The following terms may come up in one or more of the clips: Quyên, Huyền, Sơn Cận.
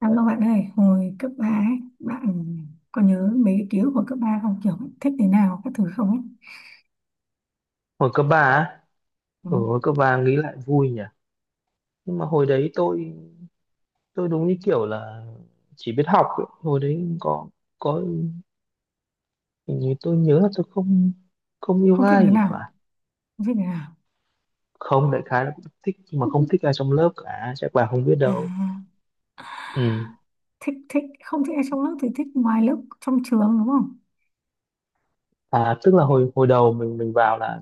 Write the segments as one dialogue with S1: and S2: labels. S1: Cảm ơn bạn ơi, hồi cấp 3 ấy, bạn có nhớ mấy cái ký ức hồi cấp 3 không? Kiểu thích đứa nào, các thứ không ấy?
S2: Hồi cấp ba á,
S1: Ừ.
S2: ở hồi cấp 3 nghĩ lại vui nhỉ. Nhưng mà hồi đấy tôi đúng như kiểu là chỉ biết học ấy. Hồi đấy có, hình như tôi nhớ là tôi không không yêu
S1: Không thích
S2: ai
S1: đứa
S2: gì
S1: nào,
S2: phải.
S1: không thích đứa nào.
S2: Không, đại khái là cũng thích nhưng mà không thích ai trong lớp cả, chắc bà không biết
S1: À,
S2: đâu. Ừ.
S1: thích, thích, không thích ai trong lớp thì thích ngoài lớp, trong trường đúng không?
S2: À, tức là hồi hồi đầu mình vào là,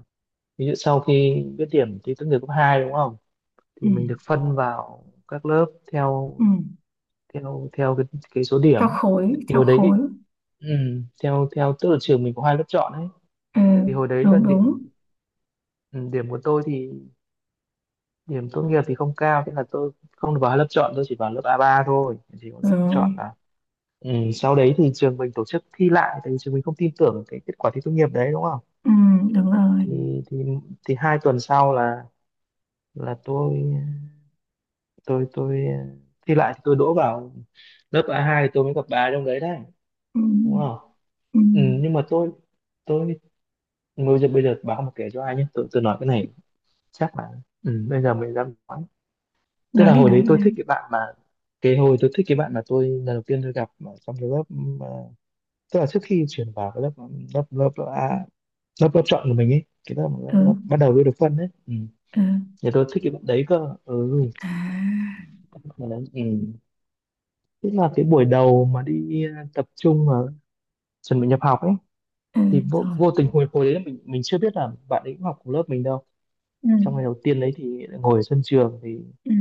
S2: ví dụ sau khi biết điểm thi tốt nghiệp cấp 2 đúng không?
S1: Ừ,
S2: Thì mình được phân vào các lớp theo,
S1: ừ.
S2: theo cái số
S1: Theo
S2: điểm.
S1: khối,
S2: Thì
S1: theo
S2: hồi đấy cái,
S1: khối.
S2: ừ, theo theo tức là trường mình có hai lớp chọn ấy,
S1: Ừ,
S2: thì hồi đấy là
S1: đúng, đúng.
S2: điểm, ừ, điểm của tôi thì, điểm tốt nghiệp thì không cao, thế là tôi không được vào hai lớp chọn, tôi chỉ vào lớp A ba thôi, chỉ có lớp chọn
S1: Rồi,
S2: là, ừ, sau đấy thì trường mình tổ chức thi lại tại vì trường mình không tin tưởng cái kết quả thi tốt nghiệp đấy đúng không,
S1: ừ, đúng rồi.
S2: thì thì thì hai tuần sau là, là tôi tôi thi lại thì tôi đỗ vào lớp A hai, thì tôi mới gặp bà trong đấy đấy
S1: Ừ,
S2: đúng không.
S1: ừ.
S2: Ừ, nhưng mà tôi, bây giờ báo mà kể cho ai nhé, tôi nói cái này chắc là, ừ, bây giờ mới dám nói. Tức
S1: Nói
S2: là
S1: đi,
S2: hồi
S1: nói
S2: đấy
S1: đi,
S2: tôi
S1: nói
S2: thích
S1: đi.
S2: cái bạn mà, cái hồi tôi thích cái bạn mà tôi lần đầu tiên tôi gặp ở trong cái lớp, ừ, mà, tức là trước khi chuyển vào cái lớp, ừ, lớp lớp lớp A, lớp lớp chọn của mình ấy, cái lớp, lớp,
S1: Ừ,
S2: lớp bắt đầu tôi được phân ấy, ừ.
S1: ừ.
S2: Thì tôi thích cái bạn đấy cơ, ừ.
S1: À,
S2: Mà đấy, ừ, tức là cái buổi đầu mà đi tập trung mà chuẩn bị nhập học ấy,
S1: ừ,
S2: thì vô,
S1: rồi.
S2: vô tình hồi hồi đấy mình chưa biết là bạn ấy cũng học cùng lớp mình đâu.
S1: Ừ,
S2: Trong ngày đầu tiên đấy thì ngồi ở sân trường, thì
S1: ừ,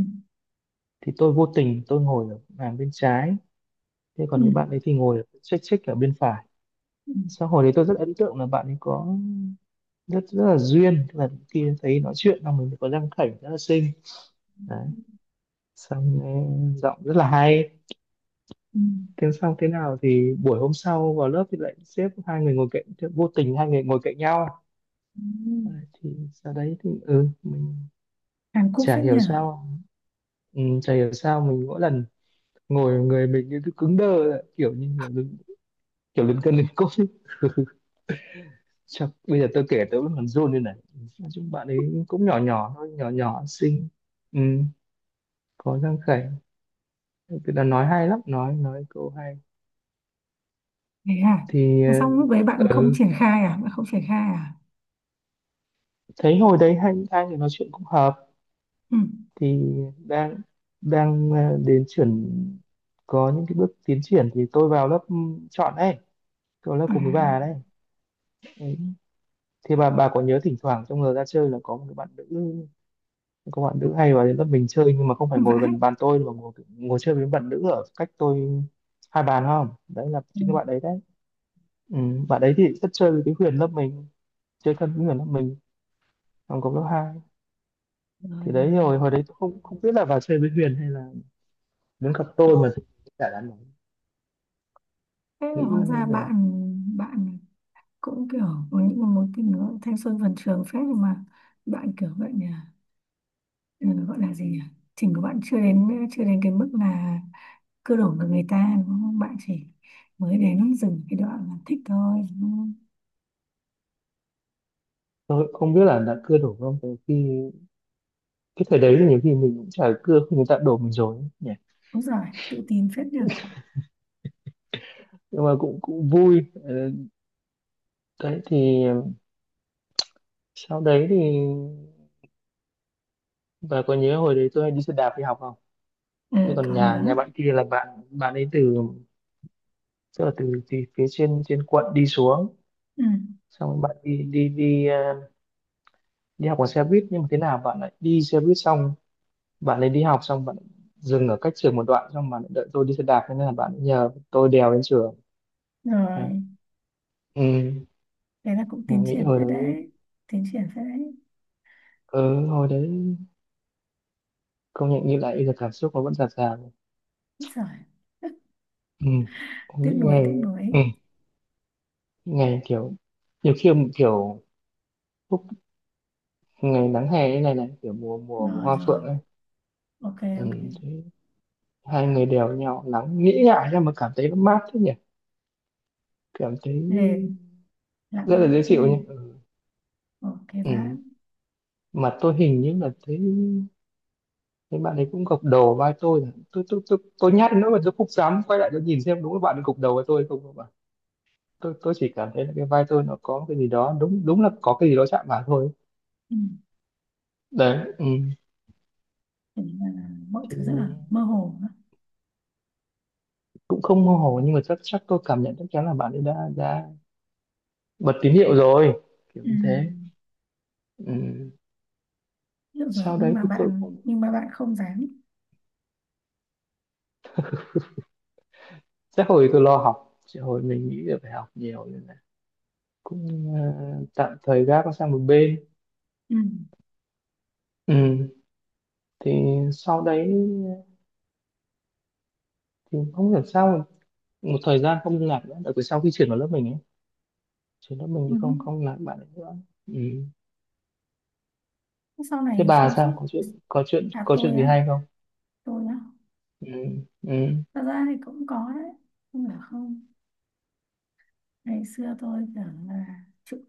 S2: thì tôi vô tình tôi ngồi ở hàng bên trái, thế
S1: ừ,
S2: còn cái bạn ấy thì ngồi chếch chếch ở bên phải.
S1: ừ,
S2: Sau hồi đấy tôi rất ấn tượng là bạn ấy có rất rất là duyên. Tức là khi thấy nói chuyện là mình có răng khểnh rất là xinh, đấy, xong, ừ, giọng rất là hay.
S1: ừ.
S2: Thế xong thế nào thì buổi hôm sau vào lớp thì lại xếp hai người ngồi cạnh, thì vô tình hai người ngồi cạnh nhau.
S1: Ừ,
S2: Đấy, thì sau đấy thì, ừ, mình
S1: Hàn Quốc
S2: chả
S1: phết nhỉ.
S2: hiểu sao, ừ, chả hiểu sao mình mỗi lần ngồi người mình như cứ cứng đơ, kiểu như kiểu đứng, kiểu lấn cân lấn cốt ấy. Chắc, bây giờ tôi kể tôi vẫn còn run lên này. Nói chung bạn ấy cũng nhỏ nhỏ thôi, nhỏ nhỏ xinh, ừ, có răng khểnh, tức là nói hay lắm, nói câu hay.
S1: Thế à?
S2: Thì
S1: Thế xong
S2: ờ,
S1: lúc đấy bạn không
S2: ừ,
S1: triển khai à? Bạn không triển khai à?
S2: thấy hồi đấy hai hai người nói chuyện cũng hợp,
S1: Ừ.
S2: thì đang, đến chuyển có những cái bước tiến triển thì tôi vào lớp, ừ, chọn đấy, tôi lớp cùng với bà
S1: À
S2: đấy, ừ. Thì bà có nhớ thỉnh thoảng trong giờ ra chơi là có một cái bạn nữ, các bạn nữ hay vào đến lớp mình chơi, nhưng mà không phải ngồi
S1: vãi.
S2: gần bàn tôi mà ngồi, chơi với bạn nữ ở cách tôi hai bàn không, đấy là
S1: Ừ.
S2: chính các bạn đấy đấy. Ừ, bạn đấy thì rất chơi với cái Huyền lớp mình, chơi thân với Huyền lớp mình, trong cộng lớp hai.
S1: Rồi
S2: Thì đấy,
S1: rồi.
S2: rồi hồi đấy tôi không không biết là vào chơi với Huyền hay là đến gặp tôi mà, chả đáng nói,
S1: Thế là
S2: nghĩ
S1: hóa ra
S2: là,
S1: bạn bạn cũng kiểu có những cái mối tình nó thanh xuân vườn trường phết, nhưng mà bạn kiểu vậy nhỉ? Ừ, gọi là gì nhỉ? Trình của bạn chưa đến cái mức là cưa đổ với người ta đúng không? Bạn chỉ mới đến dừng cái đoạn là thích thôi đúng không?
S2: tôi cũng không biết là đã cưa đổ không, từ khi cái thời đấy thì nhiều khi mình cũng chả cưa khi người ta đổ mình rồi ấy nhỉ.
S1: Đúng rồi, tự tin phết nhỉ.
S2: Nhưng mà cũng cũng vui. Ờ, đấy thì sau đấy thì, và có nhớ hồi đấy tôi đi xe đạp đi học không,
S1: Ừ,
S2: thế còn
S1: có
S2: nhà nhà
S1: nhớ.
S2: bạn kia là bạn, ấy từ, tức là từ phía trên, quận đi xuống,
S1: Ừ.
S2: xong rồi bạn đi đi đi ờ, đi học bằng xe buýt, nhưng mà thế nào bạn lại đi xe buýt, xong bạn ấy đi học xong bạn lại dừng ở cách trường một đoạn, xong bạn lại đợi tôi đi xe đạp, thế nên là bạn ấy nhờ tôi đèo đến trường. À,
S1: Rồi.
S2: ừ,
S1: Thế là cũng
S2: mà
S1: tiến
S2: nghĩ
S1: triển
S2: hồi
S1: phết
S2: đấy,
S1: đấy, tiến triển phết đấy.
S2: ừ, hồi đấy công nhận nghĩ lại bây giờ cảm xúc nó vẫn dạt dào.
S1: Úi giời.
S2: Ừ,
S1: Tiếc
S2: những
S1: nuối,
S2: ngày,
S1: tiếc nuối.
S2: ừ, những ngày kiểu, nhiều khi, kiểu, lúc, ngày nắng hè như này này, kiểu mùa, mùa
S1: Rồi
S2: hoa
S1: rồi,
S2: phượng ấy,
S1: ok
S2: ừ,
S1: ok.
S2: thế hai người đều nhau nắng nghĩ ngại ra mà cảm thấy nó mát thế nhỉ, cảm thấy
S1: Để
S2: rất
S1: lãng
S2: là dễ
S1: mạn
S2: chịu
S1: ghê.
S2: nhỉ, ừ.
S1: Ok
S2: Ừ,
S1: bạn.
S2: mà tôi hình như là thấy, bạn ấy cũng gục đầu vai tôi rồi. Tôi nhát nữa mà tôi không dám quay lại tôi nhìn xem đúng là bạn ấy gục đầu với tôi không, bạn, tôi chỉ cảm thấy là cái vai tôi nó có cái gì đó, đúng đúng là có cái gì đó chạm vào thôi,
S1: Ừ.
S2: đấy, ừ.
S1: Thế là mọi
S2: Thì
S1: thứ rất là mơ hồ đó.
S2: cũng không mơ hồ nhưng mà chắc chắc tôi cảm nhận chắc chắn là bạn ấy đã bật tín hiệu rồi, kiểu
S1: Ừ.
S2: như thế. Ừ.
S1: Hiểu rồi,
S2: Sau
S1: nhưng
S2: đấy
S1: mà
S2: thì tôi
S1: bạn
S2: cũng
S1: không dám.
S2: sẽ, hồi tôi lo học, sẽ hồi mình nghĩ là phải học nhiều nên là cũng, tạm thời gác nó sang một bên,
S1: Ừ.
S2: ừ. Thì sau đấy thì không hiểu sao mà một thời gian không liên lạc nữa, đặc biệt sau khi chuyển vào lớp mình ấy, chuyển lớp mình
S1: Ừ.
S2: thì không không liên lạc với bạn ấy nữa, ừ.
S1: Sau
S2: Thế
S1: này
S2: bà
S1: trong
S2: sao,
S1: suốt.
S2: có chuyện, có chuyện
S1: À,
S2: có chuyện
S1: tôi
S2: gì
S1: á?
S2: hay không?
S1: Tôi á?
S2: Ừ. Ừ.
S1: Thật ra thì cũng có đấy, không phải không. Ngày xưa tôi tưởng là chịu.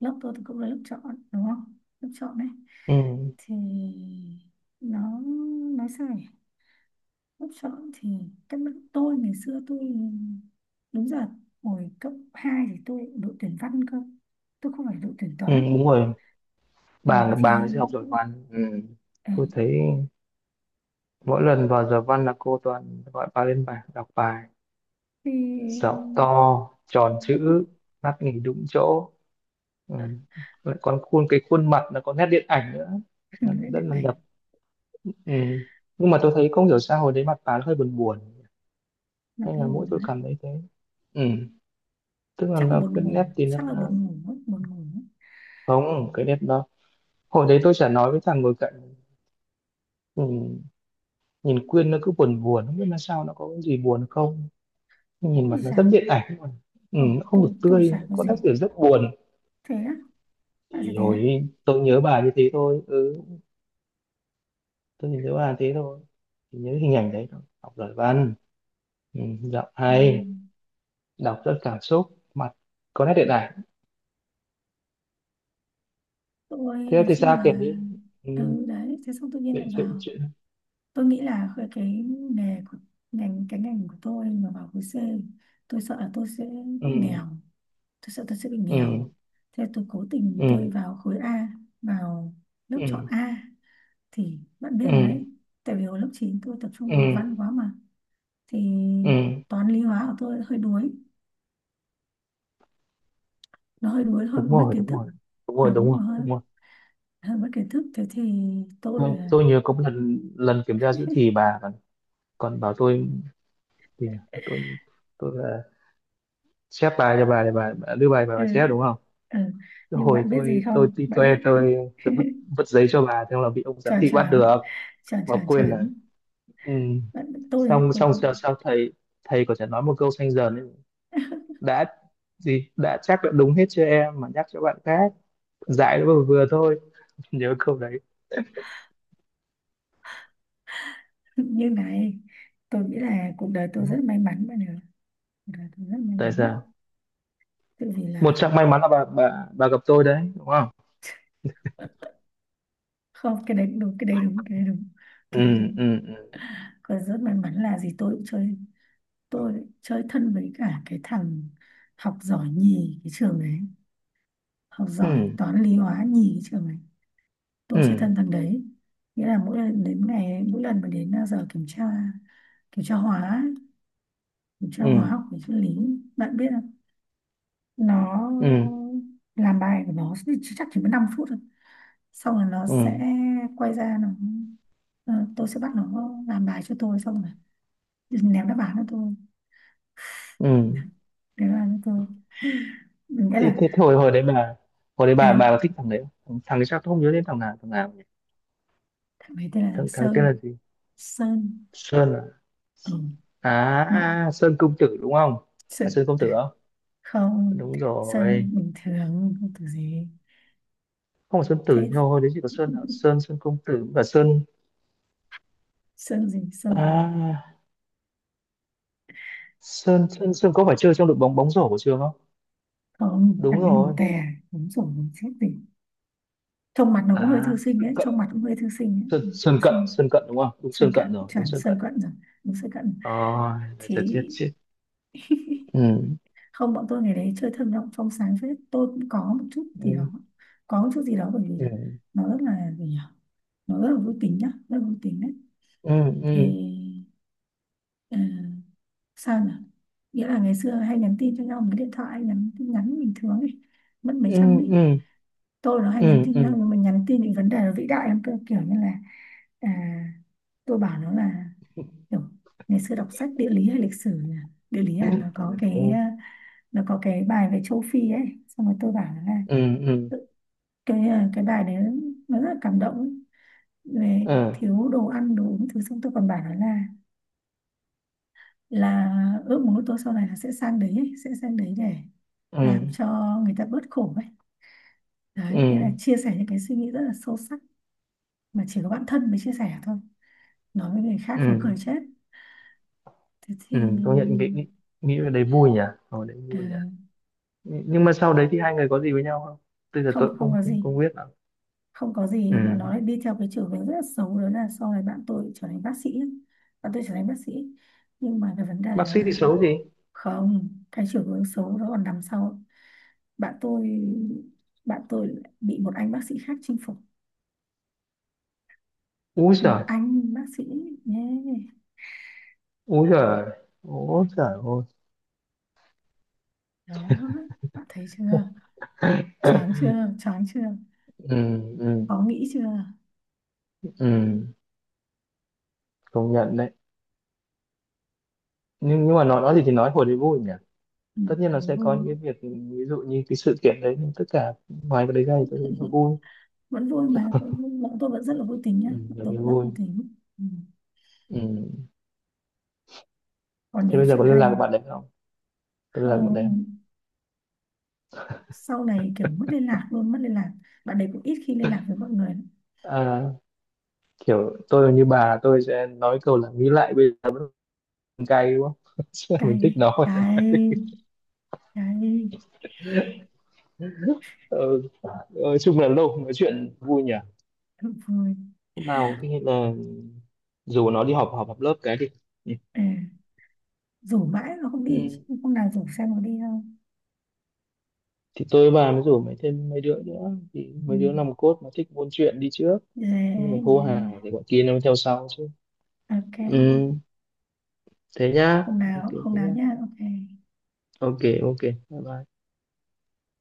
S1: Lớp tôi thì cũng là lớp chọn đúng không, lớp chọn đấy.
S2: Ừ.
S1: Thì nó, nói sao nhỉ, lớp chọn thì các bạn tôi ngày xưa tôi đúng giờ, hồi cấp 2 thì tôi đội tuyển văn cơ, tôi không phải đội tuyển
S2: Ừ,
S1: toán.
S2: đúng rồi,
S1: Ừ,
S2: bà
S1: thì
S2: bà ấy sẽ học giỏi văn, ừ.
S1: ờ,
S2: Tôi thấy mỗi lần vào giờ văn là cô toàn gọi bà lên bài đọc bài,
S1: thì
S2: dạo to, tròn chữ, mắt nghỉ đúng chỗ, ừ. Lại còn cái khuôn mặt nó có nét điện ảnh nữa. Nó
S1: lại
S2: rất
S1: định
S2: là
S1: ảnh.
S2: đẹp, ừ. Nhưng mà tôi thấy không hiểu sao hồi đấy mặt bà nó hơi buồn buồn,
S1: Là
S2: hay là
S1: tôi
S2: mỗi
S1: buồn
S2: tôi
S1: á?
S2: cảm thấy thế, ừ. Tức là
S1: Chắc là
S2: nó
S1: buồn
S2: cái
S1: ngủ,
S2: nét thì nó,
S1: chắc là
S2: nó
S1: buồn ngủ mất, buồn ngủ mất.
S2: không, cái nét đó, hồi đấy tôi chả nói với thằng ngồi cạnh, ừ, nhìn Quyên nó cứ buồn buồn không biết là sao, nó có cái gì buồn không, nhìn
S1: Ôi
S2: mặt nó rất
S1: dào.
S2: điện ảnh mà, ừ,
S1: Ừ,
S2: nó không
S1: tôi
S2: được
S1: tôi
S2: tươi,
S1: chả có
S2: có nét
S1: gì.
S2: kiểu rất buồn.
S1: Thế á? Bạn sẽ
S2: Thì
S1: thế
S2: hồi
S1: á?
S2: ấy tôi nhớ bà như thế thôi, ừ, tôi chỉ nhớ bà thế thôi, chỉ nhớ hình ảnh đấy thôi, học giỏi văn, ừ, giọng
S1: Ừ.
S2: hay, đọc rất cảm xúc, mặt có nét điện ảnh.
S1: Tôi
S2: Thế
S1: nói
S2: thì
S1: chung
S2: sao kể
S1: là,
S2: đi, ừ,
S1: ừ, đấy, thế xong tự nhiên lại
S2: chuyện chuyện
S1: vào.
S2: chuyện.
S1: Tôi nghĩ là cái nghề của ngành, cái ngành của tôi mà vào khối C, tôi sợ là tôi sẽ
S2: Ừ,
S1: bị nghèo, tôi sợ tôi sẽ bị nghèo.
S2: ừ,
S1: Thế tôi cố tình
S2: ừ,
S1: tôi vào khối A, vào lớp chọn
S2: ừ,
S1: A, thì bạn biết rồi đấy.
S2: ừ,
S1: Tại vì hồi lớp 9 tôi tập trung học
S2: ừ,
S1: văn quá mà, thì
S2: ừ,
S1: toán lý hóa của tôi hơi đuối, nó hơi đuối, hơi bị
S2: đúng
S1: mất
S2: rồi,
S1: kiến
S2: đúng
S1: thức.
S2: rồi, đúng rồi, đúng
S1: Đúng,
S2: rồi,
S1: nó hơi,
S2: đúng rồi.
S1: hơi mất kiến thức, thế thì tôi
S2: tôi,
S1: là-
S2: tôi nhớ có một lần, kiểm tra giữa thì bà còn bảo tôi, thì tôi, là chép bài cho bà để bà, đưa bài bà,
S1: ừ,
S2: chép đúng không,
S1: ừ.
S2: cái
S1: Nhưng
S2: hồi
S1: bạn biết gì
S2: tôi
S1: không,
S2: đi
S1: bạn biết.
S2: toe, tôi tôi vứt, giấy cho bà, thế là bị ông giám
S1: Chuẩn
S2: thị bắt
S1: chuẩn,
S2: được
S1: chuẩn
S2: mà
S1: chuẩn
S2: quên là,
S1: chuẩn.
S2: ừ.
S1: Bạn tôi ấy,
S2: Xong,
S1: tôi cũng.
S2: sao, thầy, có thể nói một câu xanh dần ấy, đã gì, đã chắc đã đúng hết cho em mà nhắc cho bạn khác, dạy nó vừa vừa thôi. Nhớ câu đấy,
S1: Như này, tôi nghĩ là cuộc đời
S2: ừ.
S1: tôi rất may mắn bạn ạ, cuộc đời tôi rất may
S2: Tại
S1: mắn đấy.
S2: sao
S1: Tự vì
S2: một
S1: là,
S2: trong may mắn là bà gặp tôi đấy đúng không.
S1: không, cái đấy cũng đúng, cái đấy đúng, cái đấy đúng,
S2: Ừ,
S1: cái đấy đúng.
S2: ừ,
S1: Còn rất may mắn là gì, tôi cũng chơi, tôi chơi thân với cả cái thằng học giỏi nhì cái trường đấy, học
S2: ừ,
S1: giỏi toán lý hóa nhì cái trường đấy. Tôi sẽ
S2: ừ,
S1: thân thằng đấy. Nghĩa là mỗi lần đến ngày, mỗi lần mà đến à, giờ kiểm tra, kiểm tra hóa ấy, kiểm tra hóa
S2: ừ,
S1: học về sinh lý, bạn biết không. Nó
S2: ừ, ừ,
S1: làm bài của nó thì chỉ- chắc chỉ mất 5 phút thôi, xong rồi nó
S2: ừ,
S1: sẽ quay ra nó, ờ, tôi sẽ bắt nó làm bài cho tôi, xong rồi ném đáp án cho tôi,
S2: ừ.
S1: ném đáp án cho tôi. Nghĩa
S2: thế,
S1: là,
S2: thế, thế hồi hồi đấy bà, hồi đấy
S1: ê,
S2: bà có thích thằng đấy không? Thằng thằng ấy sao tôi không nhớ đến thằng nào nhỉ.
S1: thằng ấy tên là
S2: Thằng thằng tên
S1: Sơn.
S2: là gì,
S1: Sơn,
S2: Sơn,
S1: ừ, nó
S2: Sơn công tử đúng không, phải
S1: Sơn.
S2: Sơn công tử
S1: À,
S2: không,
S1: không,
S2: đúng rồi,
S1: Sơn bình thường không có gì.
S2: không phải Sơn tử,
S1: Thế
S2: nhưng mà hồi đấy chỉ có Sơn à? Sơn, công tử và Sơn
S1: Sơn gì, Sơn gì?
S2: à, Sơn Sơn Sơn có phải chơi trong đội bóng bóng rổ của trường không,
S1: Không, thằng
S2: đúng
S1: ấy lùn
S2: rồi,
S1: tè. Đúng rồi, chết tỉnh. Trông mặt nó cũng hơi
S2: à
S1: thư sinh
S2: Sơn
S1: đấy,
S2: Cận,
S1: trông mặt cũng hơi thư sinh đấy.
S2: Sơn,
S1: Ừ,
S2: Sơn
S1: thư
S2: Cận,
S1: sinh.
S2: Sơn Cận đúng không, đúng
S1: Sơn
S2: Sơn
S1: cận,
S2: Cận rồi, đúng
S1: chuẩn
S2: Sơn
S1: Sơn
S2: Cận rồi.
S1: cận rồi, đúng Sơn cận.
S2: Ôi, là
S1: Thì
S2: chết chết chết. Ừ,
S1: không, bọn tôi ngày đấy chơi thơ mộng trong sáng phết, tôi cũng có một chút gì đó,
S2: ừ,
S1: có một chút gì đó bởi vì
S2: ừ,
S1: là nó rất là gì nhỉ, nó rất là vui tính nhá, rất là vui tính đấy.
S2: ừ,
S1: Thì
S2: ừ,
S1: ờ, sao nhỉ, nghĩa là ngày xưa hay nhắn tin cho nhau một cái điện thoại, nhắn tin nhắn bình thường ấy, mất mấy
S2: ừ,
S1: trăm ấy.
S2: ừ,
S1: Tôi nó hay nhắn
S2: ừ,
S1: tin nhau,
S2: ừ,
S1: nhưng mà nhắn tin những vấn đề nó vĩ đại lắm cơ, kiểu như là à, tôi bảo nó là kiểu ngày xưa đọc sách địa lý hay lịch sử nhỉ? Địa lý, à nó có cái,
S2: ừ,
S1: à, nó có cái bài về châu Phi ấy, xong rồi tôi bảo nó là
S2: ừ, ừ,
S1: cái, à, cái bài đấy nó rất là cảm động ấy. Về
S2: ừ,
S1: thiếu đồ ăn đồ uống thứ, xong tôi còn bảo nó là ước muốn của tôi sau này là sẽ sang đấy ấy, sẽ sang đấy để
S2: ừ,
S1: làm cho người ta bớt khổ ấy. Đấy, nghĩa là
S2: ừ,
S1: chia sẻ những cái suy nghĩ rất là sâu sắc mà chỉ có bản thân mới chia sẻ thôi, nói với người khác nó cười
S2: ừ,
S1: chết. Thế thì
S2: ừ. Công nhận nghĩ nghĩ nghĩ về đấy vui nhỉ, ở đấy
S1: ờ,
S2: vui nhỉ. Nhưng mà sau đấy thì hai người có gì với nhau không, bây giờ
S1: không,
S2: tôi cũng
S1: không
S2: không
S1: có
S2: không,
S1: gì,
S2: không biết lắm.
S1: không có gì, mà nó
S2: Ừ,
S1: lại đi theo cái chiều hướng rất là xấu, đó là sau này bạn tôi trở thành bác sĩ ấy. Bạn tôi trở thành bác sĩ, nhưng mà cái vấn đề
S2: bác
S1: đó
S2: sĩ thì
S1: là
S2: xấu
S1: bạn.
S2: gì,
S1: Không, cái chiều hướng xấu đó còn nằm sau. Bạn tôi, bạn tôi lại bị một anh bác sĩ khác chinh phục,
S2: úi
S1: một
S2: giời,
S1: anh bác sĩ, nhé.
S2: úi giời, úi giời ôi.
S1: Đó, bạn thấy chưa, choáng chưa, choáng chưa,
S2: Ừ, ừ,
S1: khó nghĩ chưa.
S2: ừ, công nhận đấy, nhưng mà nói, gì thì nói hồi đấy vui nhỉ.
S1: Ừ,
S2: Tất nhiên là
S1: thấy
S2: sẽ
S1: vui,
S2: có những cái việc, ví dụ như cái sự kiện đấy, nhưng tất cả ngoài cái đấy ra thì tôi thấy là vui,
S1: vẫn vui mà vẫn vui. Bọn tôi vẫn rất là vui tính nhá,
S2: ừ,
S1: bọn
S2: là
S1: tôi
S2: cái
S1: vẫn rất
S2: vui,
S1: vui tính. Ừ,
S2: ừ.
S1: còn
S2: Thế
S1: nhiều
S2: bây giờ
S1: chuyện
S2: có liên lạc
S1: hay.
S2: với bạn đấy không? Có liên lạc với bạn đấy không?
S1: Không, sau này kiểu mất liên lạc luôn, mất liên lạc, bạn đấy cũng ít khi liên lạc với mọi người lắm.
S2: À, kiểu tôi như bà tôi sẽ nói câu là, nghĩ lại bây giờ vẫn còn cay đúng không? Mình
S1: Cay
S2: thích
S1: đấy,
S2: nó.
S1: cay, cay.
S2: Ừ. Chung là lâu không nói chuyện vui nhỉ.
S1: Thật vui.
S2: Hôm nào khi là dù nó đi họp, họp lớp cái đi, nhỉ?
S1: Ờ, rủ mãi mà không đi
S2: Ừ.
S1: chứ, hôm nào rủ xem có đi không.
S2: Thì tôi và mới rủ mấy, thêm mấy đứa nữa, thì
S1: Ừ,
S2: mấy đứa nòng cốt mà thích buôn chuyện đi trước, nhưng
S1: yeah,
S2: mà hô
S1: yeah.
S2: hào thì bọn kia nó mới theo sau chứ.
S1: Ok.
S2: Ừ. Thế nhá.
S1: Hôm
S2: Ok
S1: nào,
S2: thế
S1: hôm nào
S2: nhá.
S1: nhá, ok.
S2: Ok ok. Bye bye.